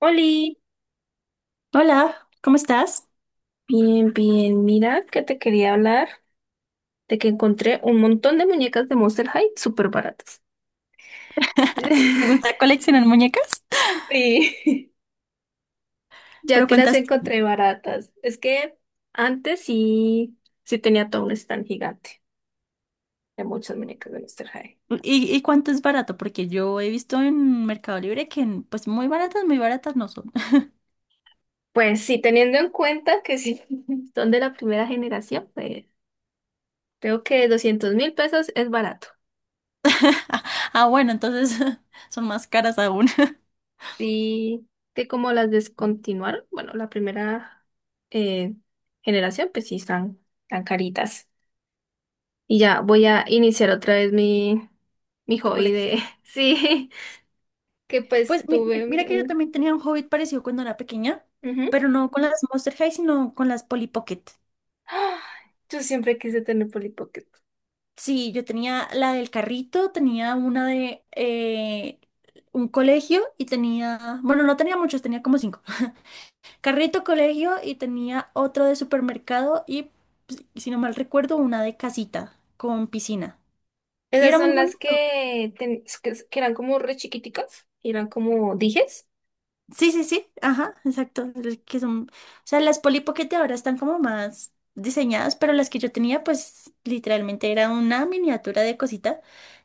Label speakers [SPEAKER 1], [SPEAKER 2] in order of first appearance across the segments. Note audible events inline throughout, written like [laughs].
[SPEAKER 1] Oli,
[SPEAKER 2] Hola, ¿cómo estás?
[SPEAKER 1] bien. Mira que te quería hablar de que encontré un montón de muñecas de Monster High súper baratas.
[SPEAKER 2] ¿Te
[SPEAKER 1] [laughs]
[SPEAKER 2] gusta coleccionar muñecas?
[SPEAKER 1] Sí, ya
[SPEAKER 2] ¿Pero
[SPEAKER 1] que las
[SPEAKER 2] cuántas
[SPEAKER 1] encontré baratas. Es que antes sí, sí tenía todo un stand gigante de muchas muñecas de Monster High.
[SPEAKER 2] y cuánto es barato? Porque yo he visto en Mercado Libre que pues muy baratas no son.
[SPEAKER 1] Pues sí, teniendo en cuenta que sí [laughs] son de la primera generación, pues creo que 200.000 pesos es barato.
[SPEAKER 2] [laughs] Ah, bueno, entonces [laughs] son más caras aún. [laughs]
[SPEAKER 1] Sí, que como las descontinuaron, bueno, la primera eh, generación, pues sí están tan caritas. Y ya voy a iniciar otra vez mi
[SPEAKER 2] Tu
[SPEAKER 1] hobby de,
[SPEAKER 2] colección.
[SPEAKER 1] [laughs] sí, que pues
[SPEAKER 2] Pues
[SPEAKER 1] tuve
[SPEAKER 2] mira que yo
[SPEAKER 1] un...
[SPEAKER 2] también tenía un hobby parecido cuando era pequeña,
[SPEAKER 1] ujú.
[SPEAKER 2] pero no con las Monster High, sino con las Polly Pocket.
[SPEAKER 1] ¡Ah! Yo siempre quise tener Polly Pocket.
[SPEAKER 2] Sí, yo tenía la del carrito, tenía una de un colegio y tenía, bueno, no tenía muchos, tenía como cinco. [laughs] Carrito, colegio y tenía otro de supermercado y, pues, si no mal recuerdo, una de casita con piscina. Y
[SPEAKER 1] Esas
[SPEAKER 2] era muy
[SPEAKER 1] son las
[SPEAKER 2] bonito.
[SPEAKER 1] que eran como re chiquiticas, y eran como dijes.
[SPEAKER 2] Sí, sí, sí, ajá, exacto. Es que son, o sea, las Polly Pocket de ahora están como más diseñadas, pero las que yo tenía, pues literalmente era una miniatura de cosita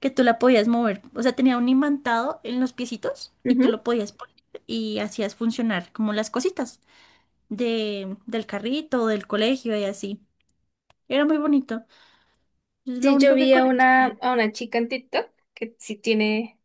[SPEAKER 2] que tú la podías mover. O sea, tenía un imantado en los piecitos y tú
[SPEAKER 1] Ujú.
[SPEAKER 2] lo podías poner y hacías funcionar como las cositas del carrito, del colegio y así. Era muy bonito. Es lo
[SPEAKER 1] Sí, yo
[SPEAKER 2] único que
[SPEAKER 1] vi a
[SPEAKER 2] coleccioné.
[SPEAKER 1] a una chica en TikTok que sí tiene...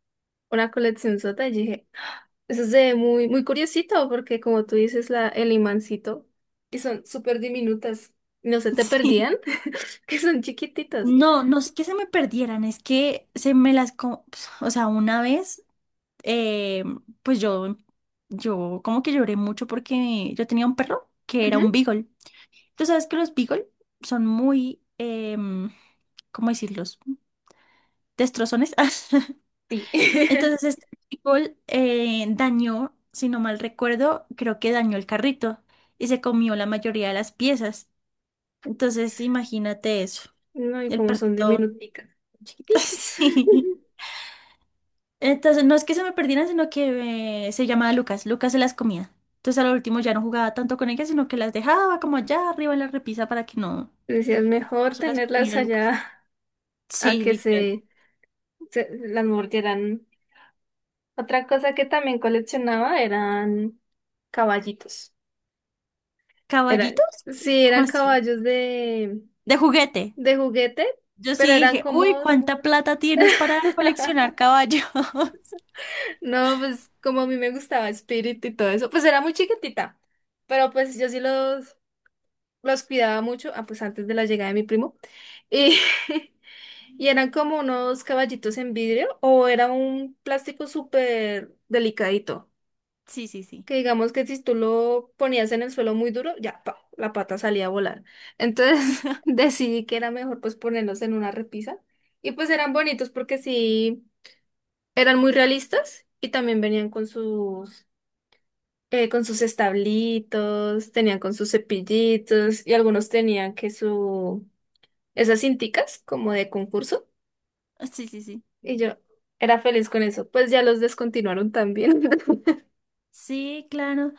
[SPEAKER 1] una colección sota y dije, "Ah, eso es de muy curiosito porque como tú dices, el imancito, y son súper diminutas, no se te
[SPEAKER 2] [laughs] Sí.
[SPEAKER 1] perdían, [laughs] que son chiquititas.
[SPEAKER 2] No, no es que se me perdieran, es que se me las. O sea, una vez, eh, pues yo como que lloré mucho porque yo tenía un perro que era un
[SPEAKER 1] Ujú.
[SPEAKER 2] beagle. Tú sabes que los beagle son muy, ¿cómo decirlos? Destrozones. [laughs]
[SPEAKER 1] Sí.
[SPEAKER 2] Entonces
[SPEAKER 1] [laughs]
[SPEAKER 2] este beagle dañó, si no mal recuerdo, creo que dañó el carrito y se comió la mayoría de las piezas. Entonces imagínate eso.
[SPEAKER 1] No, y
[SPEAKER 2] El
[SPEAKER 1] como son
[SPEAKER 2] perrito...
[SPEAKER 1] diminuticas,
[SPEAKER 2] [laughs]
[SPEAKER 1] chiquititas.
[SPEAKER 2] Sí.
[SPEAKER 1] [laughs]
[SPEAKER 2] Entonces, no es que se me perdieran, sino que se llamaba Lucas. Lucas se las comía. Entonces, a al último ya no jugaba tanto con ellas, sino que las dejaba como allá arriba en la repisa para que no
[SPEAKER 1] Decías, mejor
[SPEAKER 2] se las
[SPEAKER 1] tenerlas
[SPEAKER 2] comiera Lucas.
[SPEAKER 1] allá a
[SPEAKER 2] Sí,
[SPEAKER 1] que
[SPEAKER 2] literal.
[SPEAKER 1] se las mordieran. Otra cosa que también coleccionaba eran caballitos. Eran,
[SPEAKER 2] ¿Caballitos?
[SPEAKER 1] sí,
[SPEAKER 2] ¿Cómo
[SPEAKER 1] eran
[SPEAKER 2] así?
[SPEAKER 1] caballos de
[SPEAKER 2] De juguete.
[SPEAKER 1] de juguete,
[SPEAKER 2] Yo sí
[SPEAKER 1] pero eran
[SPEAKER 2] dije, uy,
[SPEAKER 1] como...
[SPEAKER 2] ¿cuánta plata tienes para coleccionar
[SPEAKER 1] [laughs]
[SPEAKER 2] caballos? [laughs]
[SPEAKER 1] No, pues como a mí me gustaba Spirit y todo eso, pues era muy chiquitita, pero pues yo sí los cuidaba mucho, ah, pues antes de la llegada de mi primo, y, [laughs] y eran como unos caballitos en vidrio o era un plástico súper delicadito.
[SPEAKER 2] Sí, sí, sí.
[SPEAKER 1] Que digamos que si tú lo ponías en el suelo muy duro, ya, pa, la pata salía a volar. Entonces [laughs] decidí que era mejor pues ponerlos en una repisa. Y pues eran bonitos porque sí, eran muy realistas y también venían con con sus establitos, tenían con sus cepillitos y algunos tenían que esas cinticas como de concurso.
[SPEAKER 2] Sí, sí, sí.
[SPEAKER 1] Y yo era feliz con eso. Pues ya los descontinuaron también. [laughs]
[SPEAKER 2] Sí, claro.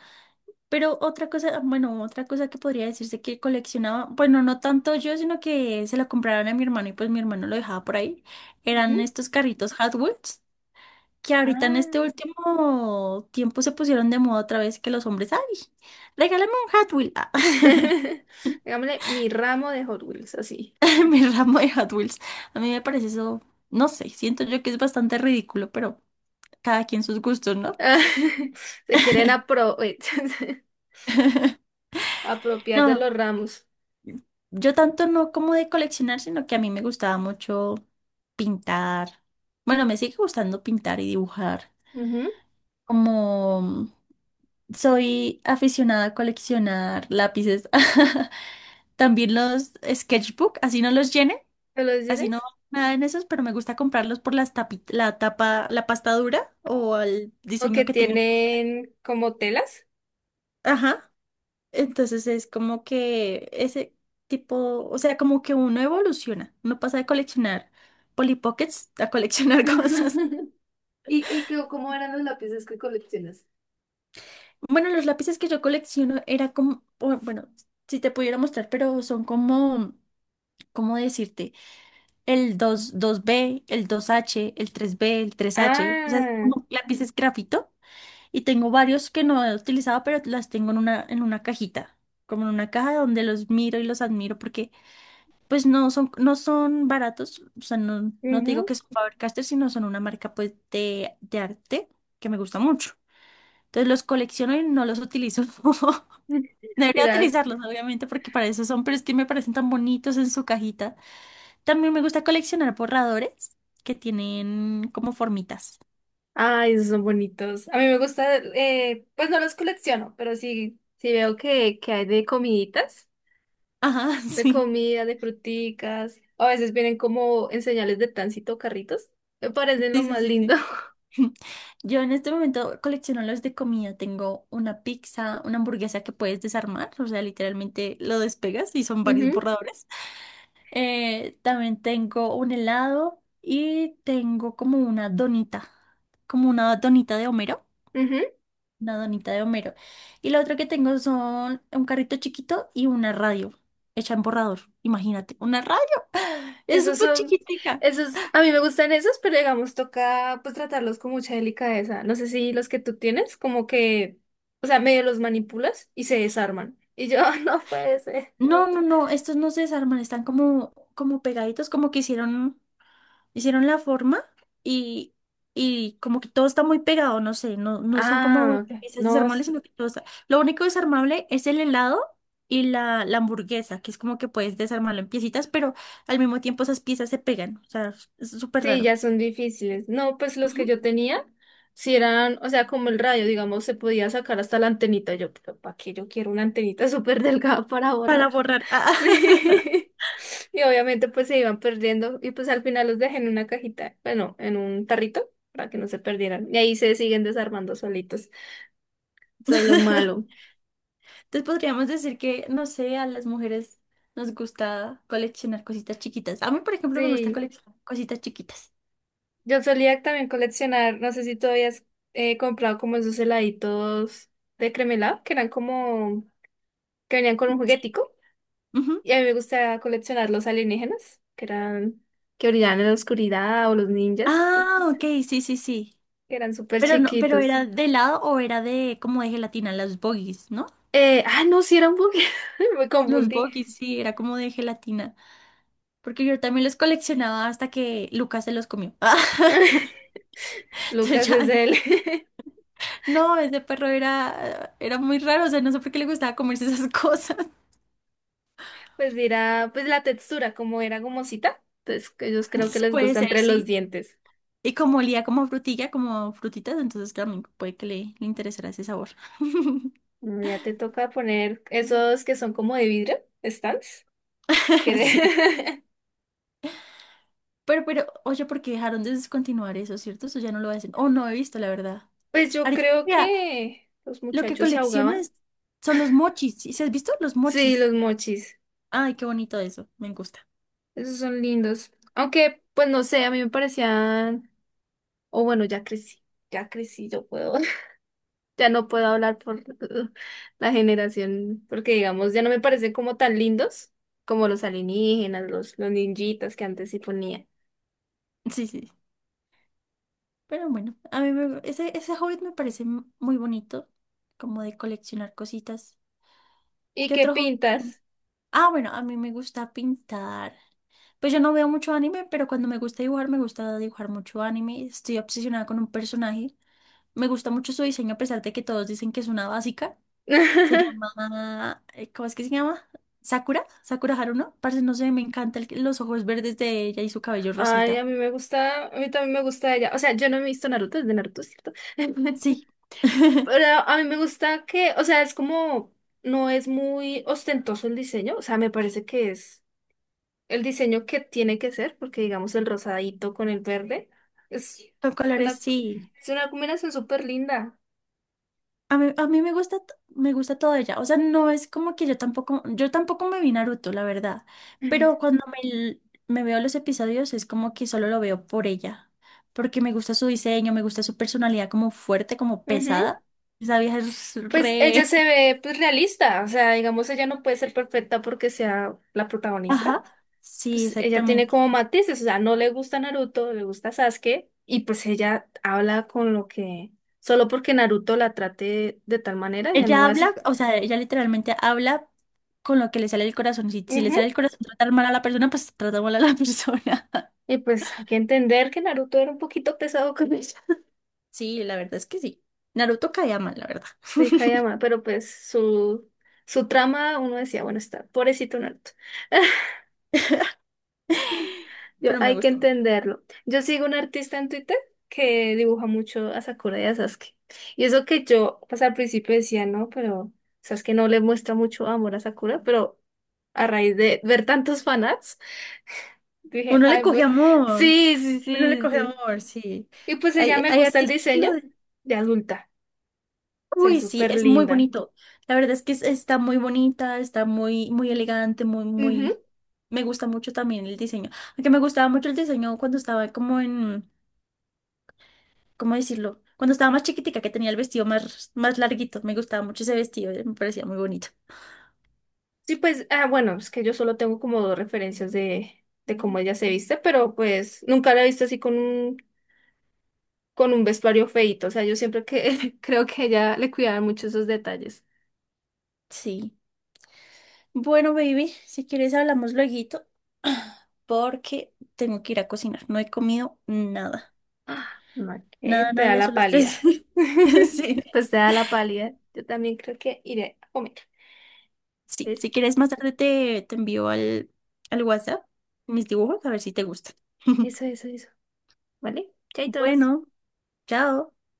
[SPEAKER 2] Pero otra cosa, bueno, otra cosa que podría decirse que coleccionaba, bueno, no tanto yo, sino que se la compraron a mi hermano y pues mi hermano lo dejaba por ahí, eran
[SPEAKER 1] Ujú.
[SPEAKER 2] estos carritos Hot Wheels, que ahorita en este
[SPEAKER 1] Ah,
[SPEAKER 2] último tiempo se pusieron de moda otra vez que los hombres, ay, regálame un Hot Wheel, ah,
[SPEAKER 1] [laughs]
[SPEAKER 2] [laughs]
[SPEAKER 1] digámosle, mi ramo de Hot Wheels, así.
[SPEAKER 2] mi ramo de Hot Wheels. A mí me parece eso, no sé, siento yo que es bastante ridículo, pero cada quien sus gustos, ¿no?
[SPEAKER 1] [laughs] Se quieren apro- [laughs] apropiar de
[SPEAKER 2] No,
[SPEAKER 1] los ramos.
[SPEAKER 2] yo tanto no como de coleccionar, sino que a mí me gustaba mucho pintar. Bueno, me sigue gustando pintar y dibujar.
[SPEAKER 1] Ujú.
[SPEAKER 2] Como soy aficionada a coleccionar lápices, [laughs] también los sketchbook, así no los llene,
[SPEAKER 1] ¿Me lo
[SPEAKER 2] así no
[SPEAKER 1] dices?
[SPEAKER 2] nada en esos, pero me gusta comprarlos por la tapa, la pasta dura o el
[SPEAKER 1] O que
[SPEAKER 2] diseño que tengan.
[SPEAKER 1] tienen como telas.
[SPEAKER 2] Ajá. Entonces es como que ese tipo, o sea, como que uno evoluciona, uno pasa de coleccionar Polly Pockets a coleccionar [laughs] cosas.
[SPEAKER 1] [laughs] ¿Y, y qué- cómo eran los lápices que coleccionas?
[SPEAKER 2] Bueno, los lápices que yo colecciono era como, bueno, si te pudiera mostrar, pero son como, ¿cómo decirte? El 2, 2B, el 2H, el 3B, el 3H, o sea, es
[SPEAKER 1] Ah,
[SPEAKER 2] como lápices grafito. Y tengo varios que no he utilizado, pero las tengo en una cajita, como en una caja donde los miro y los admiro porque pues no son baratos, o sea, no, no te digo
[SPEAKER 1] ujú.
[SPEAKER 2] que son Faber-Castell, sino son una marca pues de arte que me gusta mucho. Entonces los colecciono y no los utilizo. [laughs]
[SPEAKER 1] [laughs]
[SPEAKER 2] Debería
[SPEAKER 1] Mira,
[SPEAKER 2] utilizarlos, obviamente, porque para eso son, pero es que me parecen tan bonitos en su cajita. También me gusta coleccionar borradores que tienen como formitas.
[SPEAKER 1] ay, esos son bonitos. A mí me gusta, pues no los colecciono, pero sí, sí veo que hay de comiditas,
[SPEAKER 2] Ajá, [laughs]
[SPEAKER 1] de
[SPEAKER 2] sí.
[SPEAKER 1] comida, de fruticas. A veces vienen como en señales de tránsito carritos. Me parecen lo
[SPEAKER 2] Sí, sí,
[SPEAKER 1] más
[SPEAKER 2] sí,
[SPEAKER 1] lindo.
[SPEAKER 2] sí.
[SPEAKER 1] [laughs]
[SPEAKER 2] [laughs] Yo en este momento colecciono los de comida. Tengo una pizza, una hamburguesa que puedes desarmar, o sea, literalmente lo despegas y son varios
[SPEAKER 1] Ujú,
[SPEAKER 2] borradores. También tengo un helado y tengo como una donita de Homero,
[SPEAKER 1] ujú.
[SPEAKER 2] una donita de Homero. Y lo otro que tengo son un carrito chiquito y una radio hecha en borrador. Imagínate, una radio. [laughs] Es
[SPEAKER 1] Esos
[SPEAKER 2] súper
[SPEAKER 1] son,
[SPEAKER 2] chiquitica.
[SPEAKER 1] esos, a mí me gustan esos, pero digamos, toca pues tratarlos con mucha delicadeza. No sé si los que tú tienes, como que, o sea, medio los manipulas y se desarman. Y yo, [laughs] no puede ser.
[SPEAKER 2] No, no, no, estos no se desarman, están como pegaditos, como que hicieron la forma y, y como que todo está muy pegado, no sé, no son como
[SPEAKER 1] Ah, ok.
[SPEAKER 2] piezas
[SPEAKER 1] No.
[SPEAKER 2] desarmables, sino que todo está. Lo único desarmable es el helado y la hamburguesa, que es como que puedes desarmarlo en piecitas, pero al mismo tiempo esas piezas se pegan, o sea, es súper
[SPEAKER 1] Sí,
[SPEAKER 2] raro.
[SPEAKER 1] ya son difíciles. No, pues los que
[SPEAKER 2] Ujú.
[SPEAKER 1] yo tenía, si eran, o sea, como el radio, digamos, se podía sacar hasta la antenita. Yo, pero ¿para qué yo quiero una antenita [laughs] súper delgada para borrar?
[SPEAKER 2] Para
[SPEAKER 1] [laughs]
[SPEAKER 2] borrar. Ah. [laughs]
[SPEAKER 1] Sí. Y obviamente pues se iban perdiendo y pues al final los dejé en una cajita, bueno, en un tarrito para que no se perdieran. Y ahí se siguen desarmando solitos. Eso es lo
[SPEAKER 2] Entonces
[SPEAKER 1] malo.
[SPEAKER 2] podríamos decir que, no sé, a las mujeres nos gusta coleccionar cositas chiquitas. A mí, por ejemplo, me gusta
[SPEAKER 1] Sí,
[SPEAKER 2] coleccionar cositas chiquitas.
[SPEAKER 1] yo solía también coleccionar, no sé si todavía has comprado como esos heladitos de cremelado, que eran como, que venían con un
[SPEAKER 2] Sí.
[SPEAKER 1] juguetico.
[SPEAKER 2] Ujú.
[SPEAKER 1] Y a mí me gusta coleccionar los alienígenas, que eran, que brillaban en la oscuridad, o los ninjas, y,
[SPEAKER 2] Ah,
[SPEAKER 1] pues,
[SPEAKER 2] ok, sí, sí, sí.
[SPEAKER 1] que eran súper
[SPEAKER 2] Pero no, pero
[SPEAKER 1] chiquitos.
[SPEAKER 2] era de helado o era de como de gelatina, las bogies, ¿no?
[SPEAKER 1] No, sí eran Pokémon, [laughs] me
[SPEAKER 2] Los
[SPEAKER 1] confundí.
[SPEAKER 2] bogies, sí, era como de gelatina. Porque yo también los coleccionaba hasta que Lucas se los comió. [laughs]
[SPEAKER 1] [laughs]
[SPEAKER 2] Entonces
[SPEAKER 1] Lucas
[SPEAKER 2] ya,
[SPEAKER 1] es él.
[SPEAKER 2] dije,
[SPEAKER 1] [laughs]
[SPEAKER 2] no, ese perro era muy raro, o sea, no sé por qué le gustaba comerse esas cosas.
[SPEAKER 1] Pues dirá, pues la textura, como era gomosita, entonces que ellos creo que
[SPEAKER 2] [laughs]
[SPEAKER 1] les
[SPEAKER 2] Puede
[SPEAKER 1] gusta
[SPEAKER 2] ser,
[SPEAKER 1] entre los
[SPEAKER 2] sí.
[SPEAKER 1] dientes.
[SPEAKER 2] Y como olía como frutilla, como frutitas, entonces también puede que le interesara ese sabor. [laughs]
[SPEAKER 1] Bueno, ya te toca poner esos que son como de vidrio, stands. Que
[SPEAKER 2] Sí.
[SPEAKER 1] de-
[SPEAKER 2] Oye, porque dejaron de descontinuar eso, ¿cierto? Eso ya no lo hacen. Oh, no he visto, la verdad.
[SPEAKER 1] [laughs] pues yo
[SPEAKER 2] Ahorita,
[SPEAKER 1] creo que los
[SPEAKER 2] lo que
[SPEAKER 1] muchachos se ahogaban.
[SPEAKER 2] coleccionas son los mochis. ¿Sí has visto los
[SPEAKER 1] Sí,
[SPEAKER 2] mochis?
[SPEAKER 1] los mochis.
[SPEAKER 2] Ay, qué bonito eso. Me gusta.
[SPEAKER 1] Esos son lindos. Aunque, pues no sé, a mí me parecían, o bueno, ya crecí, yo puedo, [laughs] ya no puedo hablar por [laughs] la generación, porque digamos, ya no me parecen como tan lindos como los alienígenas, los ninjitas que antes sí ponía.
[SPEAKER 2] [laughs] Sí, sí. Pero bueno, a mí ese hobby me parece muy bonito, como de coleccionar cositas.
[SPEAKER 1] ¿Y
[SPEAKER 2] ¿Qué
[SPEAKER 1] qué
[SPEAKER 2] otro hobby
[SPEAKER 1] pintas?
[SPEAKER 2] tienes? Ah, bueno, a mí me gusta pintar. Pues yo no veo mucho anime, pero cuando me gusta dibujar mucho anime. Estoy obsesionada con un personaje. Me gusta mucho su diseño, a pesar de que todos dicen que es una básica. Se
[SPEAKER 1] [laughs]
[SPEAKER 2] llama, ¿cómo es que se llama? Sakura, Sakura Haruno. Parce, no sé, me encanta los ojos verdes de ella y su cabello
[SPEAKER 1] Ay, a
[SPEAKER 2] rosita.
[SPEAKER 1] mí me gusta, a mí también me gusta ella. O sea, yo no he visto Naruto, es de Naruto, ¿cierto? [laughs]
[SPEAKER 2] Sí. [laughs]
[SPEAKER 1] Pero a mí me gusta que, o sea, es como, no es muy ostentoso el diseño, o sea, me parece que es el diseño que tiene que ser, porque digamos el rosadito con el verde es
[SPEAKER 2] Con colores,
[SPEAKER 1] una,
[SPEAKER 2] sí.
[SPEAKER 1] es una combinación súper linda.
[SPEAKER 2] A mí me gusta, me gusta toda ella. O sea, no es como que yo tampoco me vi Naruto, la verdad.
[SPEAKER 1] Ujú.
[SPEAKER 2] Pero cuando me veo los episodios es como que solo lo veo por ella. Porque me gusta su diseño, me gusta su personalidad como fuerte, como
[SPEAKER 1] Ujú.
[SPEAKER 2] pesada. Esa vieja es
[SPEAKER 1] Pues ella
[SPEAKER 2] re...
[SPEAKER 1] se ve pues realista, o sea, digamos ella no puede ser perfecta porque sea la
[SPEAKER 2] [laughs]
[SPEAKER 1] protagonista.
[SPEAKER 2] Ajá. Sí,
[SPEAKER 1] Pues ella tiene
[SPEAKER 2] exactamente.
[SPEAKER 1] como matices, o sea, no le gusta Naruto, le gusta Sasuke y pues ella habla con lo que solo porque Naruto la trate de tal manera, ya no
[SPEAKER 2] Ella
[SPEAKER 1] va a
[SPEAKER 2] habla,
[SPEAKER 1] ser.
[SPEAKER 2] o sea, ella literalmente habla con lo que le sale del corazón. Si le
[SPEAKER 1] Ujú.
[SPEAKER 2] sale el corazón tratar mal a la persona, pues trata mal a la [laughs] persona.
[SPEAKER 1] Y pues hay que entender que Naruto era un poquito pesado con ella.
[SPEAKER 2] Sí, la verdad es que sí. Naruto caía mal, la verdad.
[SPEAKER 1] De Kayama,
[SPEAKER 2] [laughs]
[SPEAKER 1] pero pues su trama, uno decía, bueno, está pobrecito Naruto. [laughs] Yo,
[SPEAKER 2] Pero me
[SPEAKER 1] hay que
[SPEAKER 2] gusta mucho.
[SPEAKER 1] entenderlo. Yo sigo un artista en Twitter que dibuja mucho a Sakura y a Sasuke. Y eso que yo, pues al principio decía, no, pero Sasuke no le muestra mucho amor a Sakura, pero a raíz de ver tantos fanarts, [laughs] dije,
[SPEAKER 2] Uno le
[SPEAKER 1] ay,
[SPEAKER 2] coge
[SPEAKER 1] pues,
[SPEAKER 2] amor. Uno le coge
[SPEAKER 1] sí".
[SPEAKER 2] amor, sí.
[SPEAKER 1] Y pues ella
[SPEAKER 2] Hay,
[SPEAKER 1] me
[SPEAKER 2] hay
[SPEAKER 1] gusta el
[SPEAKER 2] artistas que lo...
[SPEAKER 1] diseño
[SPEAKER 2] de-
[SPEAKER 1] de adulta, se ve
[SPEAKER 2] Uy, sí,
[SPEAKER 1] súper
[SPEAKER 2] es muy
[SPEAKER 1] linda.
[SPEAKER 2] bonito. La verdad es que está muy bonita, está muy, muy elegante, muy, muy. Me gusta mucho también el diseño. Aunque me gustaba mucho el diseño cuando estaba como en, ¿cómo decirlo? Cuando estaba más chiquitica, que tenía el vestido más, más larguito, me gustaba mucho ese vestido, me parecía muy bonito.
[SPEAKER 1] Sí, pues, ah, bueno, es que yo solo tengo como dos referencias de cómo ella se viste, pero pues nunca la he visto así con un vestuario feíto. O sea, yo siempre que [laughs] creo que ella le cuidaba mucho esos detalles.
[SPEAKER 2] Sí. Bueno, baby, si quieres hablamos lueguito, [clears throat] porque tengo que ir a cocinar. No he comido nada.
[SPEAKER 1] Ah, no,
[SPEAKER 2] Nada,
[SPEAKER 1] que te
[SPEAKER 2] nada,
[SPEAKER 1] da
[SPEAKER 2] ya
[SPEAKER 1] la
[SPEAKER 2] son las 3.
[SPEAKER 1] pálida.
[SPEAKER 2] [laughs]
[SPEAKER 1] [laughs]
[SPEAKER 2] Sí.
[SPEAKER 1] Pues te da la pálida. Yo también creo que iré a comer.
[SPEAKER 2] Sí,
[SPEAKER 1] ¿Ves?
[SPEAKER 2] si quieres más tarde te envío al WhatsApp mis dibujos a ver si te gustan. [laughs]
[SPEAKER 1] Eso. ¿Vale? Chaitos.
[SPEAKER 2] Bueno, chao.